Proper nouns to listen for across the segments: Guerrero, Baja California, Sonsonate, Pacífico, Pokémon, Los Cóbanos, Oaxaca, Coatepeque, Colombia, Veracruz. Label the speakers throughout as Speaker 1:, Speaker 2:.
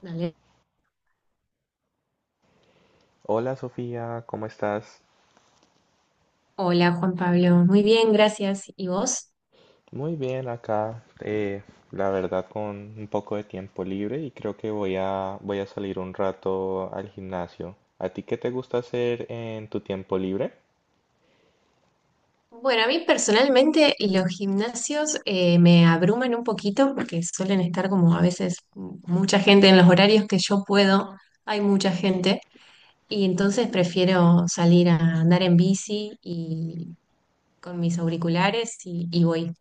Speaker 1: Dale.
Speaker 2: Hola Sofía, ¿cómo estás?
Speaker 1: Hola Juan Pablo, muy bien, gracias. ¿Y vos?
Speaker 2: Muy bien acá, la verdad con un poco de tiempo libre y creo que voy a salir un rato al gimnasio. ¿A ti qué te gusta hacer en tu tiempo libre?
Speaker 1: Bueno, a mí personalmente los gimnasios me abruman un poquito porque suelen estar como a veces mucha gente en los horarios que yo puedo, hay mucha gente y entonces prefiero salir a andar en bici y con mis auriculares y voy.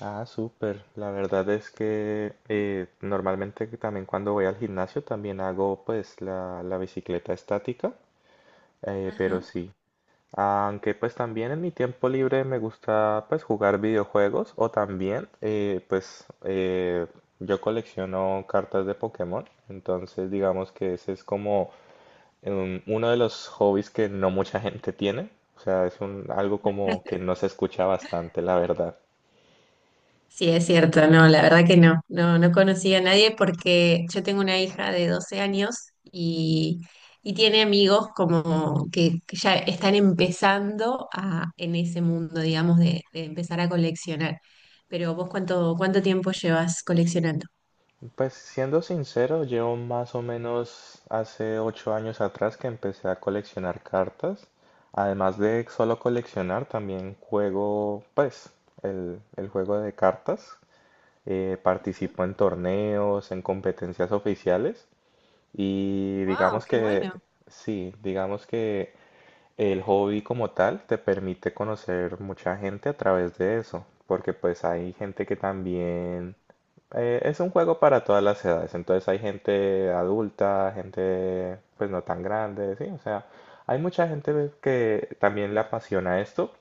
Speaker 2: Ah, súper. La verdad es que normalmente que también cuando voy al gimnasio también hago pues la bicicleta estática, pero
Speaker 1: Ajá.
Speaker 2: sí. Aunque pues también en mi tiempo libre me gusta pues jugar videojuegos o también yo colecciono cartas de Pokémon, entonces digamos que ese es como uno de los hobbies que no mucha gente tiene, o sea, es algo como que no se escucha bastante, la verdad.
Speaker 1: Sí, es cierto, no, la verdad que no, no, no conocí a nadie porque yo tengo una hija de 12 años y tiene amigos como que ya están empezando en ese mundo, digamos, de empezar a coleccionar. Pero vos, ¿ cuánto tiempo llevas coleccionando?
Speaker 2: Pues siendo sincero, yo más o menos hace 8 años atrás que empecé a coleccionar cartas. Además de solo coleccionar, también juego, pues, el juego de cartas. Participo en torneos, en competencias oficiales. Y
Speaker 1: Wow,
Speaker 2: digamos
Speaker 1: qué
Speaker 2: que,
Speaker 1: bueno,
Speaker 2: sí, digamos que el hobby como tal te permite conocer mucha gente a través de eso, porque pues hay gente que también es un juego para todas las edades, entonces hay gente adulta, gente pues no tan grande, sí, o sea, hay mucha gente que también le apasiona esto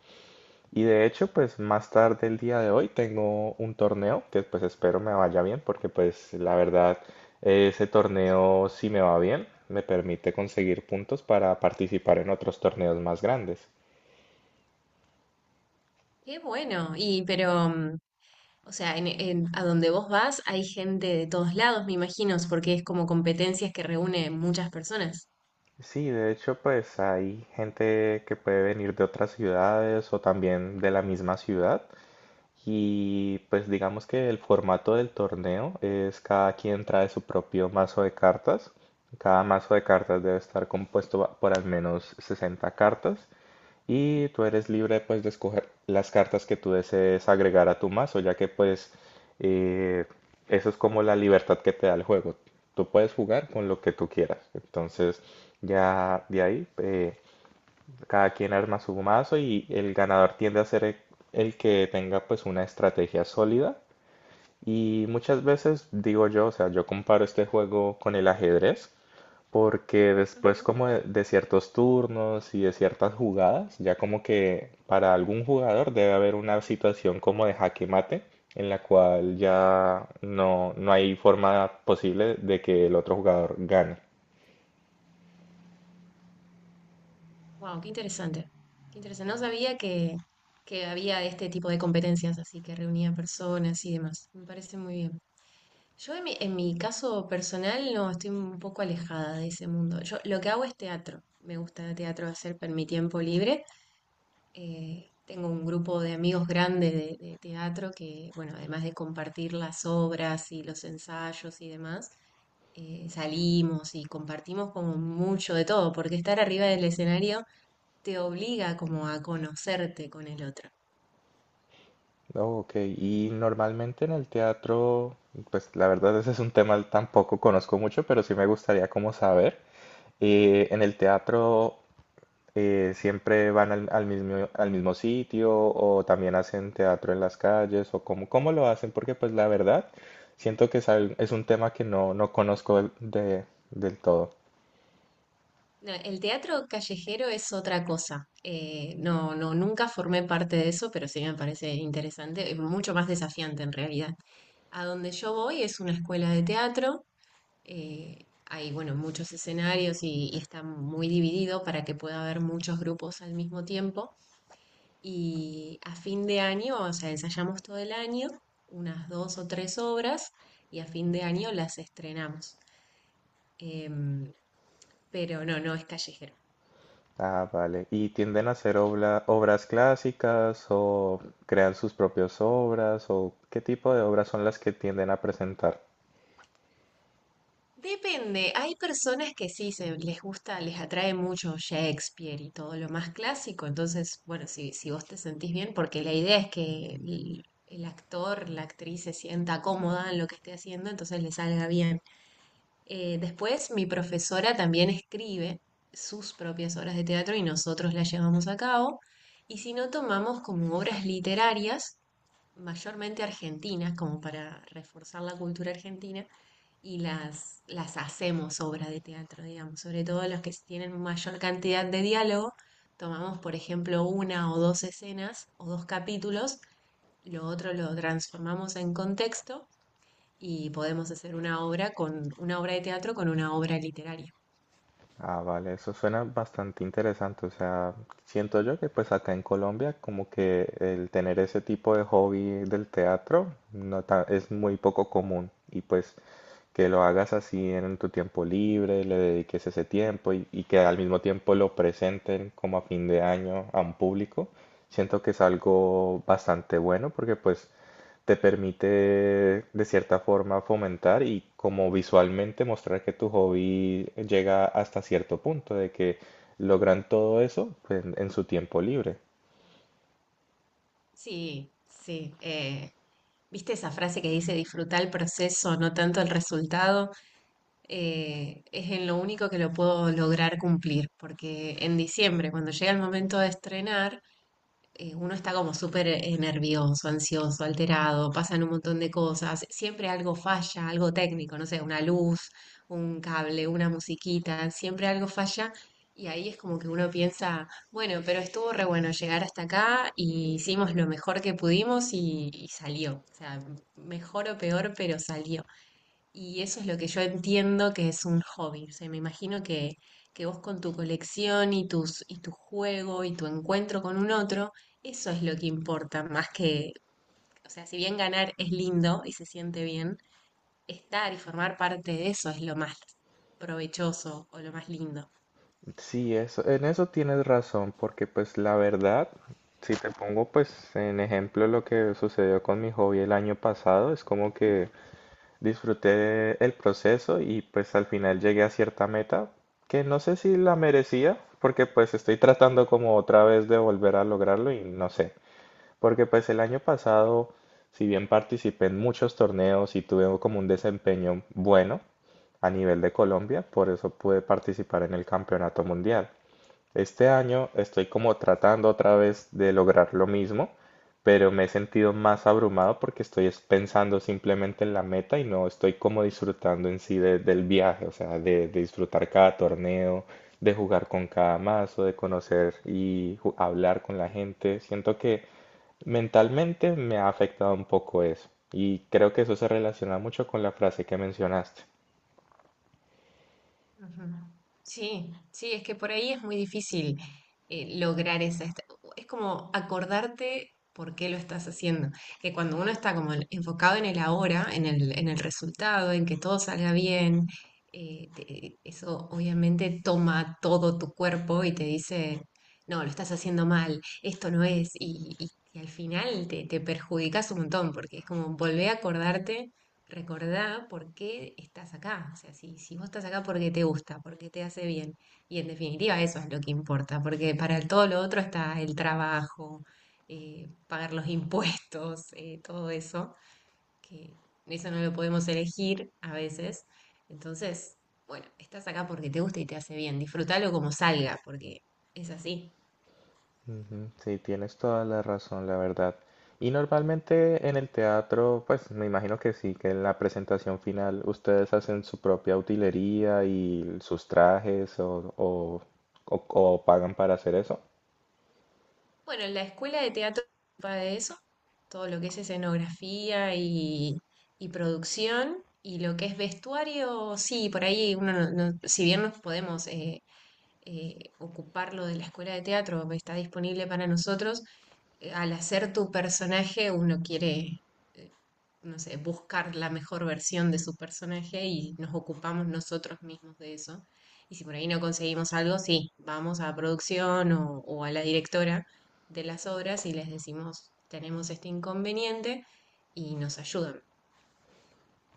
Speaker 2: y de hecho, pues más tarde el día de hoy tengo un torneo que pues espero me vaya bien, porque pues la verdad ese torneo si me va bien me permite conseguir puntos para participar en otros torneos más grandes.
Speaker 1: qué bueno. O sea, a donde vos vas hay gente de todos lados, me imagino, porque es como competencias que reúne muchas personas.
Speaker 2: Sí, de hecho pues hay gente que puede venir de otras ciudades o también de la misma ciudad. Y pues digamos que el formato del torneo es cada quien trae su propio mazo de cartas. Cada mazo de cartas debe estar compuesto por al menos 60 cartas y tú eres libre pues de escoger las cartas que tú desees agregar a tu mazo, ya que pues eh, eso es como la libertad que te da el juego. Tú puedes jugar con lo que tú quieras. Entonces ya de ahí cada quien arma su mazo y el ganador tiende a ser el que tenga pues una estrategia sólida. Y muchas veces digo yo, o sea, yo comparo este juego con el ajedrez, porque después como de ciertos turnos y de ciertas jugadas, ya como que para algún jugador debe haber una situación como de jaque mate, en la cual ya no, no hay forma posible de que el otro jugador gane.
Speaker 1: Wow, qué interesante. Qué interesante. No sabía que había este tipo de competencias, así que reunía personas y demás. Me parece muy bien. Yo en en mi caso personal no estoy un poco alejada de ese mundo. Yo lo que hago es teatro. Me gusta el teatro hacer en mi tiempo libre. Tengo un grupo de amigos grande de teatro que, bueno, además de compartir las obras y los ensayos y demás, salimos y compartimos como mucho de todo, porque estar arriba del escenario te obliga como a conocerte con el otro.
Speaker 2: Oh, ok, y normalmente en el teatro, pues la verdad ese es un tema tampoco conozco mucho, pero sí me gustaría como saber. En el teatro siempre van al mismo sitio, o también hacen teatro en las calles, o cómo, cómo lo hacen, porque pues la verdad siento que es, es un tema que no, no conozco del todo.
Speaker 1: No, el teatro callejero es otra cosa. No, no, nunca formé parte de eso, pero sí me parece interesante, y mucho más desafiante en realidad. A donde yo voy es una escuela de teatro. Hay, bueno, muchos escenarios y está muy dividido para que pueda haber muchos grupos al mismo tiempo. Y a fin de año, o sea, ensayamos todo el año, unas 2 o 3 obras, y a fin de año las estrenamos. Em, pero no, no es callejero.
Speaker 2: Ah, vale. ¿Y tienden a hacer obras clásicas o crean sus propias obras o qué tipo de obras son las que tienden a presentar?
Speaker 1: Depende, hay personas que sí se les gusta, les atrae mucho Shakespeare y todo lo más clásico, entonces, bueno, si, si vos te sentís bien, porque la idea es que el, el actor, la actriz se sienta cómoda en lo que esté haciendo, entonces le salga bien. Después, mi profesora también escribe sus propias obras de teatro y nosotros las llevamos a cabo, y si no, tomamos como obras literarias mayormente argentinas, como para reforzar la cultura argentina, y las hacemos obra de teatro, digamos, sobre todo las que tienen mayor cantidad de diálogo. Tomamos, por ejemplo, 1 o 2 escenas o 2 capítulos, lo otro lo transformamos en contexto y podemos hacer una obra con una obra de teatro con una obra literaria.
Speaker 2: Ah, vale, eso suena bastante interesante. O sea, siento yo que pues acá en Colombia como que el tener ese tipo de hobby del teatro no ta- es muy poco común. Y pues que lo hagas así en tu tiempo libre, le dediques ese tiempo y que al mismo tiempo lo presenten como a fin de año a un público, siento que es algo bastante bueno porque pues te permite de cierta forma fomentar y como visualmente mostrar que tu hobby llega hasta cierto punto, de que logran todo eso pues, en su tiempo libre.
Speaker 1: Sí, sí. ¿Viste esa frase que dice disfruta el proceso, no tanto el resultado? Es en lo único que lo puedo lograr cumplir, porque en diciembre, cuando llega el momento de estrenar, uno está como súper nervioso, ansioso, alterado, pasan un montón de cosas, siempre algo falla, algo técnico, no sé, una luz, un cable, una musiquita, siempre algo falla. Y ahí es como que uno piensa, bueno, pero estuvo re bueno llegar hasta acá y hicimos lo mejor que pudimos y salió. O sea, mejor o peor, pero salió. Y eso es lo que yo entiendo que es un hobby. O sea, me imagino que vos con tu colección y y tu juego y tu encuentro con un otro, eso es lo que importa, más o sea, si bien ganar es lindo y se siente bien, estar y formar parte de eso es lo más provechoso o lo más lindo.
Speaker 2: Sí, eso, en eso tienes razón, porque pues la verdad, si te pongo pues en ejemplo lo que sucedió con mi hobby el año pasado, es como que disfruté el proceso y pues al final llegué a cierta meta que no sé si la merecía, porque pues estoy tratando como otra vez de volver a lograrlo y no sé, porque pues el año pasado, si bien participé en muchos torneos y tuve como un desempeño bueno a nivel de Colombia, por eso pude participar en el campeonato mundial. Este año estoy como tratando otra vez de lograr lo mismo, pero me he sentido más abrumado porque pensando simplemente en la meta y no estoy como disfrutando en sí del viaje, o sea, de disfrutar cada torneo, de jugar con cada mazo, de conocer y hablar con la gente. Siento que mentalmente me ha afectado un poco eso y creo que eso se relaciona mucho con la frase que mencionaste.
Speaker 1: Ujú. Sí, sí, es que por ahí es muy difícil lograr es como acordarte por qué lo estás haciendo. Que cuando uno está como enfocado en el ahora, en en el resultado, en que todo salga bien, eso obviamente toma todo tu cuerpo y te dice, no, lo estás haciendo mal, esto no es. Y al final te perjudicas un montón porque es como volver a acordarte recordá por qué estás acá. O sea, si, si vos estás acá porque te gusta, porque te hace bien. Y en definitiva eso es lo que importa, porque para todo lo otro está el trabajo, pagar los impuestos, todo eso, que eso no lo podemos elegir a veces. Entonces, bueno, estás acá porque te gusta y te hace bien. Disfrútalo como salga, porque es así.
Speaker 2: Ujú, sí, tienes toda la razón, la verdad. Y normalmente en el teatro, pues me imagino que sí, que en la presentación final ustedes hacen su propia utilería y sus trajes o pagan para hacer eso.
Speaker 1: Bueno, en la escuela de teatro se ocupa de eso, todo lo que es escenografía y producción, y lo que es vestuario, sí, por ahí uno, si bien nos podemos ocupar lo de la escuela de teatro, está disponible para nosotros, al hacer tu personaje uno quiere no sé, buscar la mejor versión de su personaje y nos ocupamos nosotros mismos de eso. Y si por ahí no conseguimos algo, sí, vamos a producción o a la directora de las obras y les decimos, tenemos este inconveniente y nos ayudan.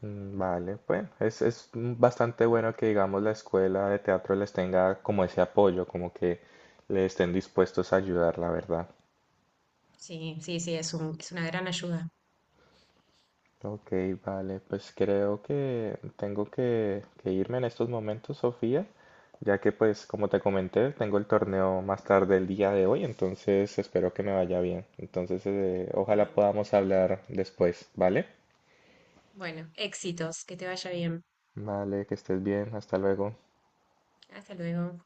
Speaker 2: Mm, vale, pues es bastante bueno que digamos la escuela de teatro les tenga como ese apoyo, como que le estén dispuestos a ayudar, la verdad.
Speaker 1: Sí, sí, sí, es es una gran ayuda.
Speaker 2: Ok, vale, pues creo que que irme en estos momentos, Sofía, ya que pues como te comenté, tengo el torneo más tarde el día de hoy, entonces espero que me vaya bien. Entonces, ojalá
Speaker 1: Bueno,
Speaker 2: podamos hablar después, ¿vale?
Speaker 1: bueno, éxitos, que te vaya bien.
Speaker 2: Vale, que estés bien, hasta luego.
Speaker 1: Hasta luego.